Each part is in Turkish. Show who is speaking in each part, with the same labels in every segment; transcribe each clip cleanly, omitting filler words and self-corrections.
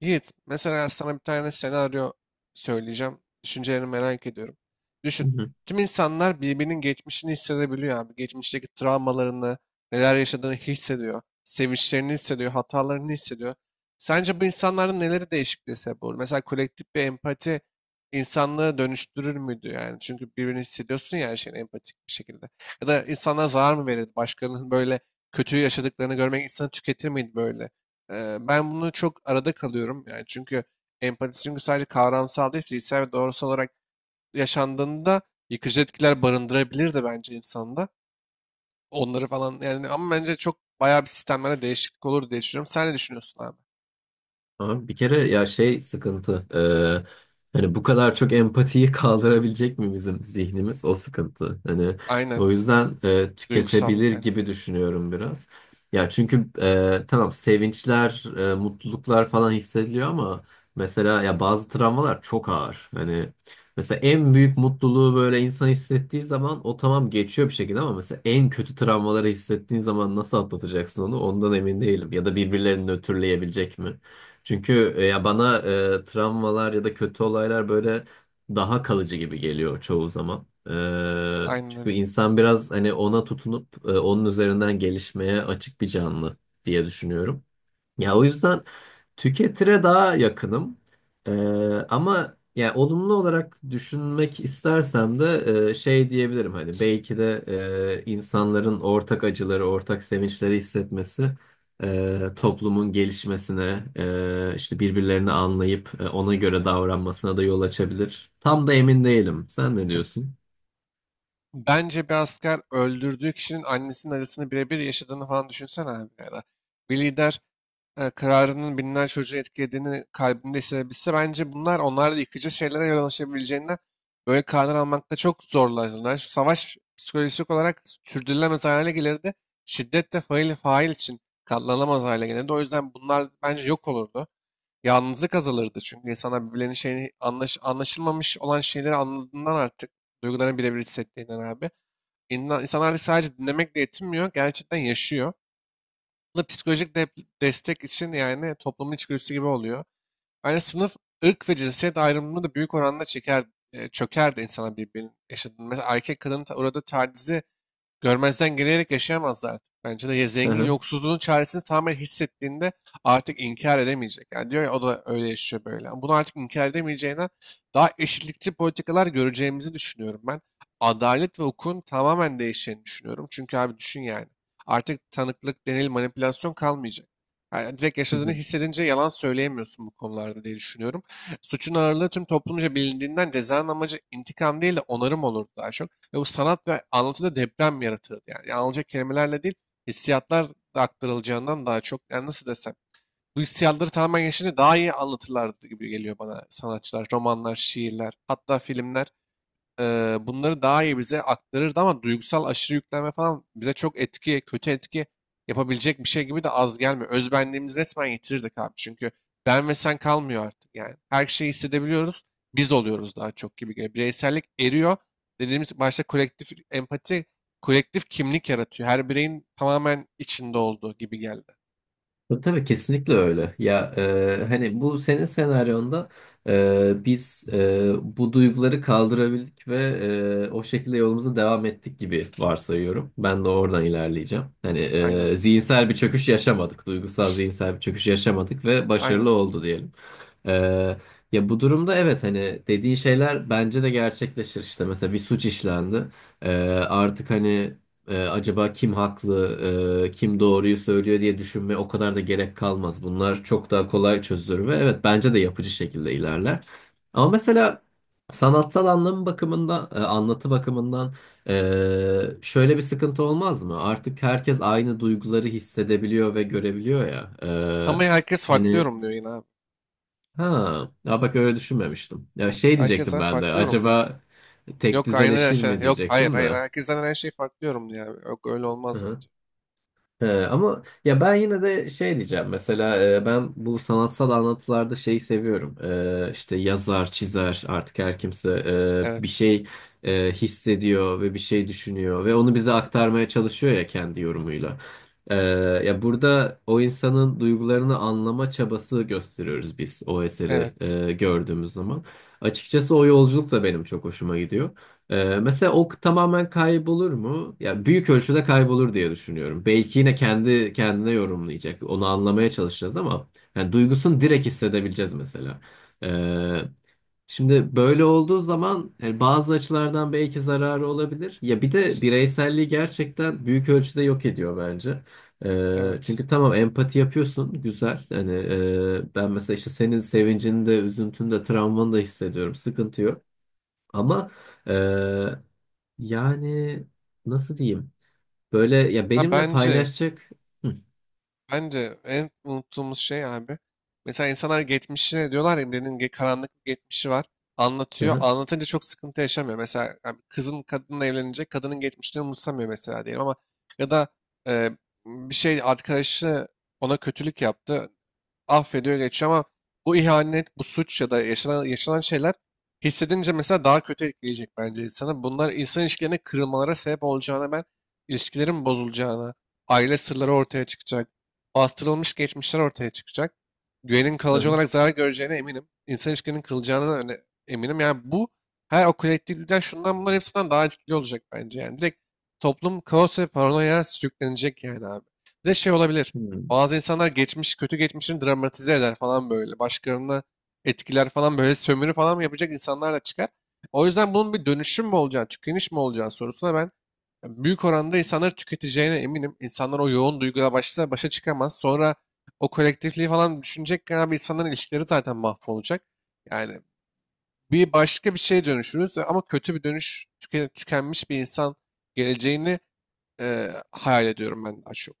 Speaker 1: Yiğit, mesela sana bir tane senaryo söyleyeceğim. Düşüncelerini merak ediyorum.
Speaker 2: Hı
Speaker 1: Düşün,
Speaker 2: hı.
Speaker 1: tüm insanlar birbirinin geçmişini hissedebiliyor abi. Geçmişteki travmalarını, neler yaşadığını hissediyor. Sevinçlerini hissediyor, hatalarını hissediyor. Sence bu insanların neleri değişikliğe sebep olur? Mesela kolektif bir empati insanlığı dönüştürür müydü yani? Çünkü birbirini hissediyorsun ya her şeyin empatik bir şekilde. Ya da insana zarar mı verirdi? Başkalarının böyle kötü yaşadıklarını görmek insanı tüketir miydi böyle? Ben bunu çok arada kalıyorum. Yani çünkü empati çünkü sadece kavramsal değil, fiziksel ve doğrusal olarak yaşandığında yıkıcı etkiler barındırabilir de bence insanda. Onları falan yani ama bence çok bayağı bir sistemlere değişiklik olur diye düşünüyorum. Sen ne düşünüyorsun abi?
Speaker 2: Abi bir kere ya şey sıkıntı. Hani bu kadar çok empatiyi kaldırabilecek mi bizim zihnimiz? O sıkıntı. Hani
Speaker 1: Aynen.
Speaker 2: o yüzden
Speaker 1: Duygusallık
Speaker 2: tüketebilir
Speaker 1: aynen.
Speaker 2: gibi düşünüyorum biraz. Ya çünkü tamam sevinçler, mutluluklar falan hissediliyor ama mesela ya bazı travmalar çok ağır. Hani mesela en büyük mutluluğu böyle insan hissettiği zaman o tamam geçiyor bir şekilde ama mesela en kötü travmaları hissettiğin zaman nasıl atlatacaksın onu? Ondan emin değilim. Ya da birbirlerini nötrleyebilecek mi? Çünkü ya bana travmalar ya da kötü olaylar böyle daha kalıcı gibi geliyor çoğu zaman.
Speaker 1: Aynen
Speaker 2: Çünkü
Speaker 1: öyle.
Speaker 2: insan biraz hani ona tutunup onun üzerinden gelişmeye açık bir canlı diye düşünüyorum. Ya o yüzden tüketire daha yakınım. Ee, Ama yani olumlu olarak düşünmek istersem de şey diyebilirim hani belki de insanların ortak acıları, ortak sevinçleri hissetmesi toplumun gelişmesine, işte birbirlerini anlayıp ona göre davranmasına da yol açabilir. Tam da emin değilim. Sen ne diyorsun?
Speaker 1: Bence bir asker öldürdüğü kişinin annesinin acısını birebir yaşadığını falan düşünsene abi ya da bir lider kararının binler çocuğu etkilediğini kalbinde hissedebilse bence bunlar onlarla yıkıcı şeylere yol açabileceğinden böyle karar almakta çok zorlanırlar. Şu savaş psikolojik olarak sürdürülemez hale gelirdi. Şiddet de fail için katlanamaz hale gelirdi. O yüzden bunlar bence yok olurdu. Yalnızlık azalırdı çünkü insanlar birbirlerinin şeyini anlaşılmamış olan şeyleri anladığından artık duygularını birebir hissettiğinden abi. İnsan, insanlar artık sadece dinlemekle yetinmiyor, gerçekten yaşıyor. Bu da psikolojik destek için yani toplumun içgüdüsü gibi oluyor. Yani sınıf, ırk ve cinsiyet ayrımını da büyük oranda çeker, çöker de insanlar birbirinin yaşadığını. Mesela erkek kadının uğradığı tacizi görmezden gelerek yaşayamazlar. Bence de ya zengin
Speaker 2: Hı
Speaker 1: yoksulluğun çaresini tamamen hissettiğinde artık inkar edemeyecek. Yani diyor ya o da öyle yaşıyor böyle. Yani bunu artık inkar edemeyeceğine daha eşitlikçi politikalar göreceğimizi düşünüyorum ben. Adalet ve hukukun tamamen değişeceğini düşünüyorum. Çünkü abi düşün yani. Artık tanıklık, delil, manipülasyon kalmayacak. Yani direkt yaşadığını
Speaker 2: hı.
Speaker 1: hissedince yalan söyleyemiyorsun bu konularda diye düşünüyorum. Suçun ağırlığı tüm toplumca bilindiğinden cezanın amacı intikam değil de onarım olurdu daha çok. Ve bu sanat ve anlatıda deprem yaratırdı yani. Yani anılacak kelimelerle değil, hissiyatlar da aktarılacağından daha çok. Yani nasıl desem, bu hissiyatları tamamen yaşayınca daha iyi anlatırlardı gibi geliyor bana sanatçılar, romanlar, şiirler, hatta filmler bunları daha iyi bize aktarırdı ama duygusal aşırı yüklenme falan bize çok etki, kötü etki yapabilecek bir şey gibi de az gelmiyor. Özbenliğimizi resmen yitirirdik abi. Çünkü ben ve sen kalmıyor artık yani. Her şeyi hissedebiliyoruz. Biz oluyoruz daha çok gibi geliyor. Bireysellik eriyor. Dediğimiz başta kolektif empati, kolektif kimlik yaratıyor. Her bireyin tamamen içinde olduğu gibi geldi.
Speaker 2: Tabii tabii, kesinlikle öyle. Ya hani bu senin senaryonda biz bu duyguları kaldırabildik ve o şekilde yolumuza devam ettik gibi varsayıyorum. Ben de oradan ilerleyeceğim. Hani
Speaker 1: Aynen.
Speaker 2: zihinsel bir çöküş yaşamadık, duygusal zihinsel bir çöküş yaşamadık ve başarılı
Speaker 1: Aynen.
Speaker 2: oldu diyelim. E, Ya bu durumda evet hani dediğin şeyler bence de gerçekleşir işte. Mesela bir suç işlendi. E, Artık hani. Acaba kim haklı, kim doğruyu söylüyor diye düşünmeye o kadar da gerek kalmaz. Bunlar çok daha kolay çözülür ve evet bence de yapıcı şekilde ilerler. Ama mesela sanatsal anlamı bakımından, anlatı bakımından şöyle bir sıkıntı olmaz mı? Artık herkes aynı duyguları hissedebiliyor ve görebiliyor ya.
Speaker 1: Ama herkes farklı
Speaker 2: Hani
Speaker 1: yorumluyor yine abi.
Speaker 2: ha, ya bak öyle düşünmemiştim. Ya şey
Speaker 1: Herkes
Speaker 2: diyecektim ben de.
Speaker 1: farklı yorumluyor.
Speaker 2: Acaba tek
Speaker 1: Yok aynı
Speaker 2: düzeleşir
Speaker 1: şey.
Speaker 2: mi
Speaker 1: Yok, hayır
Speaker 2: diyecektim
Speaker 1: hayır.
Speaker 2: de.
Speaker 1: Herkesten her şey farklı diyorum ya. Yok öyle olmaz bence.
Speaker 2: He, ama ya ben yine de şey diyeceğim mesela ben bu sanatsal anlatılarda şeyi seviyorum. İşte yazar çizer artık her kimse bir
Speaker 1: Evet.
Speaker 2: şey hissediyor ve bir şey düşünüyor ve onu bize aktarmaya çalışıyor ya kendi yorumuyla. E, Ya burada o insanın duygularını anlama çabası gösteriyoruz biz o eseri
Speaker 1: Evet.
Speaker 2: gördüğümüz zaman açıkçası o yolculuk da benim çok hoşuma gidiyor. Mesela o tamamen kaybolur mu? Ya büyük ölçüde kaybolur diye düşünüyorum. Belki yine kendi kendine yorumlayacak. Onu anlamaya çalışacağız ama yani duygusunu direkt hissedebileceğiz mesela. Ee, Şimdi böyle olduğu zaman yani bazı açılardan belki zararı olabilir. Ya bir de bireyselliği gerçekten büyük ölçüde yok ediyor bence.
Speaker 1: Evet.
Speaker 2: Çünkü tamam empati yapıyorsun güzel hani ben mesela işte senin sevincini de üzüntünü de travmanı da hissediyorum sıkıntı yok. Ama eee, yani nasıl diyeyim? Böyle ya
Speaker 1: Ha
Speaker 2: benimle
Speaker 1: bence.
Speaker 2: paylaşacak. Hı,
Speaker 1: Bence en unuttuğumuz şey abi. Mesela insanlar geçmişine diyorlar ya birinin karanlık bir geçmişi var.
Speaker 2: hı,
Speaker 1: Anlatıyor.
Speaker 2: hı,
Speaker 1: Anlatınca çok sıkıntı yaşamıyor. Mesela yani kızın kadınla evlenecek. Kadının geçmişini umursamıyor mesela diyelim ama ya da e, bir şey arkadaşı ona kötülük yaptı. Affediyor geçiyor ama bu ihanet, bu suç ya da yaşanan şeyler hissedince mesela daha kötü etkileyecek bence insana. Bunlar insan ilişkilerine kırılmalara sebep olacağına ben ilişkilerin bozulacağına, aile sırları ortaya çıkacak, bastırılmış geçmişler ortaya çıkacak. Güvenin kalıcı
Speaker 2: hı,
Speaker 1: olarak zarar göreceğine eminim. İnsan ilişkilerinin kılacağına eminim. Yani bu her o kolektif lider şundan bunların hepsinden daha etkili olacak bence. Yani direkt toplum kaos ve paranoya sürüklenecek yani abi. Bir de şey olabilir.
Speaker 2: hı,
Speaker 1: Bazı insanlar geçmiş, kötü geçmişini dramatize eder falan böyle. Başkalarına etkiler falan böyle sömürü falan mı yapacak insanlar da çıkar. O yüzden bunun bir dönüşüm mü olacağı, tükeniş mi olacağı sorusuna ben büyük oranda insanları tüketeceğine eminim. İnsanlar o yoğun duyguyla başta başa çıkamaz. Sonra o kolektifliği falan düşünecekken abi insanların ilişkileri zaten mahvolacak. Yani bir başka bir şeye dönüşürüz ama kötü bir dönüş, tükenmiş bir insan geleceğini hayal ediyorum ben daha çok.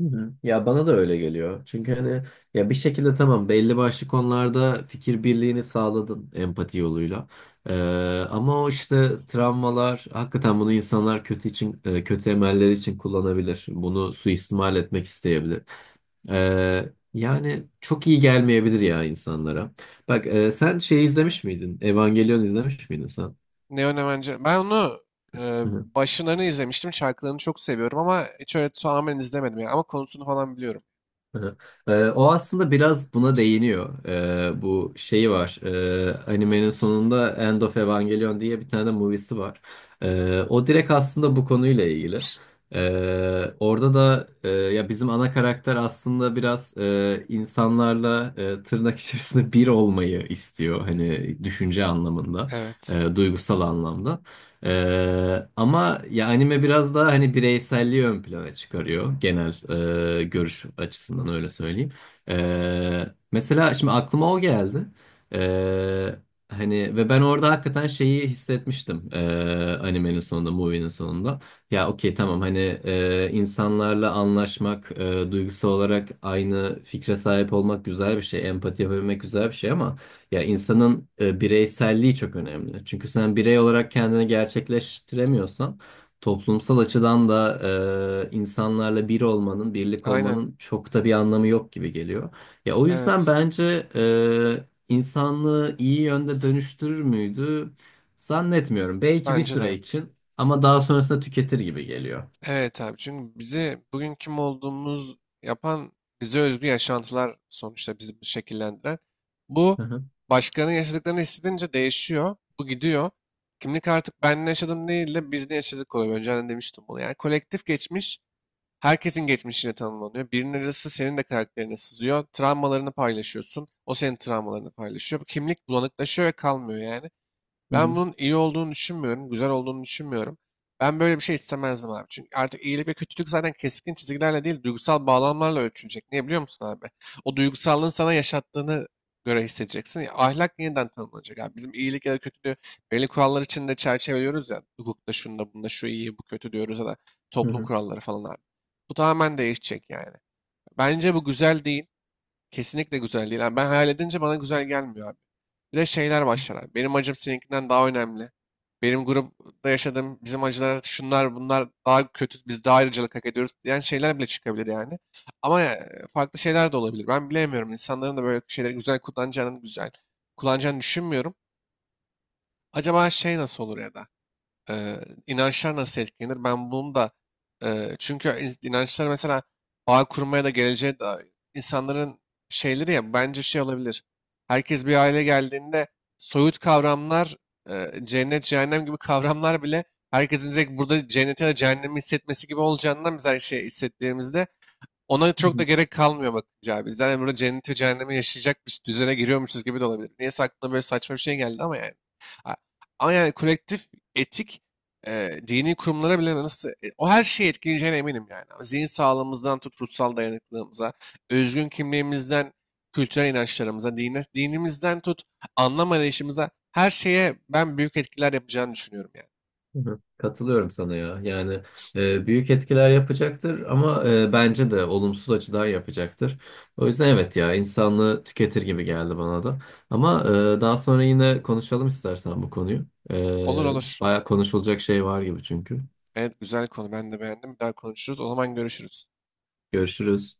Speaker 2: hı. Ya bana da öyle geliyor. Çünkü hani ya bir şekilde tamam belli başlı konularda fikir birliğini sağladın empati yoluyla. Ama o işte travmalar hakikaten bunu insanlar kötü için kötü emeller için kullanabilir. Bunu suistimal etmek isteyebilir. Yani çok iyi gelmeyebilir ya insanlara. Bak sen şey izlemiş miydin? Evangelion izlemiş miydin sen?
Speaker 1: Neonemenci. Ben onu başlarını izlemiştim. Şarkılarını çok seviyorum ama hiç öyle tamamen izlemedim. Yani. Ama konusunu falan biliyorum.
Speaker 2: Hı. O aslında biraz buna değiniyor. Bu şeyi var. Animenin sonunda End of Evangelion diye bir tane de movie'si var. O direkt aslında bu konuyla ilgili. Orada da ya bizim ana karakter aslında biraz insanlarla tırnak içerisinde bir olmayı istiyor. Hani düşünce anlamında,
Speaker 1: Evet.
Speaker 2: duygusal anlamda. Ama ya anime biraz daha hani bireyselliği ön plana çıkarıyor genel görüş açısından öyle söyleyeyim. Ee, Mesela şimdi aklıma o geldi. Ee, Hani ve ben orada hakikaten şeyi hissetmiştim animenin sonunda, movie'nin sonunda. Ya okey tamam hani insanlarla anlaşmak, duygusal olarak aynı fikre sahip olmak güzel bir şey, empati yapabilmek güzel bir şey ama. Ya insanın bireyselliği çok önemli. Çünkü sen birey olarak kendini gerçekleştiremiyorsan toplumsal açıdan da insanlarla bir olmanın, birlik
Speaker 1: Aynen.
Speaker 2: olmanın çok da bir anlamı yok gibi geliyor. Ya o yüzden
Speaker 1: Evet.
Speaker 2: bence insanlığı iyi yönde dönüştürür müydü? Zannetmiyorum. Belki bir
Speaker 1: Bence
Speaker 2: süre
Speaker 1: de.
Speaker 2: için ama daha sonrasında tüketir gibi geliyor.
Speaker 1: Evet abi, çünkü bizi bugün kim olduğumuz yapan bize özgü yaşantılar, sonuçta bizi bu şekillendiren. Bu
Speaker 2: Hı hı,
Speaker 1: başkalarının yaşadıklarını hissedince değişiyor. Bu gidiyor. Kimlik artık ben ne yaşadım değil de biz ne yaşadık oluyor. Önceden demiştim bunu. Yani kolektif geçmiş herkesin geçmişiyle tanımlanıyor. Birinin acısı senin de karakterine sızıyor. Travmalarını paylaşıyorsun. O senin travmalarını paylaşıyor. Bu kimlik bulanıklaşıyor ve kalmıyor yani.
Speaker 2: hı
Speaker 1: Ben
Speaker 2: hı,
Speaker 1: bunun iyi olduğunu düşünmüyorum, güzel olduğunu düşünmüyorum. Ben böyle bir şey istemezdim abi. Çünkü artık iyilik ve kötülük zaten keskin çizgilerle değil, duygusal bağlamlarla ölçülecek. Niye biliyor musun abi? O duygusallığın sana yaşattığını göre hissedeceksin. Ya, ahlak yeniden tanımlanacak abi. Bizim iyilik ya da kötülüğü belli kurallar içinde çerçeveliyoruz ya. Hukukta şunda bunda şu iyi bu kötü diyoruz ya da
Speaker 2: hı
Speaker 1: toplum
Speaker 2: hı,
Speaker 1: kuralları falan abi. Bu tamamen değişecek yani. Bence bu güzel değil. Kesinlikle güzel değil abi. Ben hayal edince bana güzel gelmiyor abi. Bir de şeyler başlar abi. Benim acım seninkinden daha önemli. Benim grupta yaşadığım bizim acılar şunlar bunlar daha kötü. Biz daha ayrıcalık hak ediyoruz diyen şeyler bile çıkabilir yani. Ama farklı şeyler de olabilir. Ben bilemiyorum. İnsanların da böyle şeyleri güzel kullanacağını düşünmüyorum. Acaba şey nasıl olur ya da? Eee, inançlar nasıl etkilenir? Ben bunu da çünkü inançlar mesela bağ kurmaya da geleceğe dair insanların şeyleri ya bence şey olabilir. Herkes bir aile geldiğinde soyut kavramlar cennet cehennem gibi kavramlar bile herkesin direkt burada cenneti ya da cehennemi hissetmesi gibi olacağından biz her şeyi hissettiğimizde ona
Speaker 2: hı
Speaker 1: çok da
Speaker 2: hı.
Speaker 1: gerek kalmıyor bakınca abi. Biz zaten burada cenneti ve cehennemi yaşayacak bir düzene giriyormuşuz gibi de olabilir. Niyeyse aklıma böyle saçma bir şey geldi ama yani. A- Ama yani kolektif etik dini kurumlara bile nasıl o her şeyi etkileyeceğine eminim yani. Zihin sağlığımızdan tut ruhsal dayanıklılığımıza, özgün kimliğimizden kültürel inançlarımıza, dine, dinimizden tut anlam arayışımıza her şeye ben büyük etkiler yapacağını düşünüyorum yani.
Speaker 2: Hı hı. Katılıyorum sana ya. Yani büyük etkiler yapacaktır ama bence de olumsuz açıdan yapacaktır. O yüzden evet ya insanlığı tüketir gibi geldi bana da. Ama daha sonra yine konuşalım istersen bu konuyu. E,
Speaker 1: Olur olur.
Speaker 2: Baya konuşulacak şey var gibi çünkü.
Speaker 1: Evet, güzel konu, ben de beğendim. Bir daha konuşuruz. O zaman görüşürüz.
Speaker 2: Görüşürüz.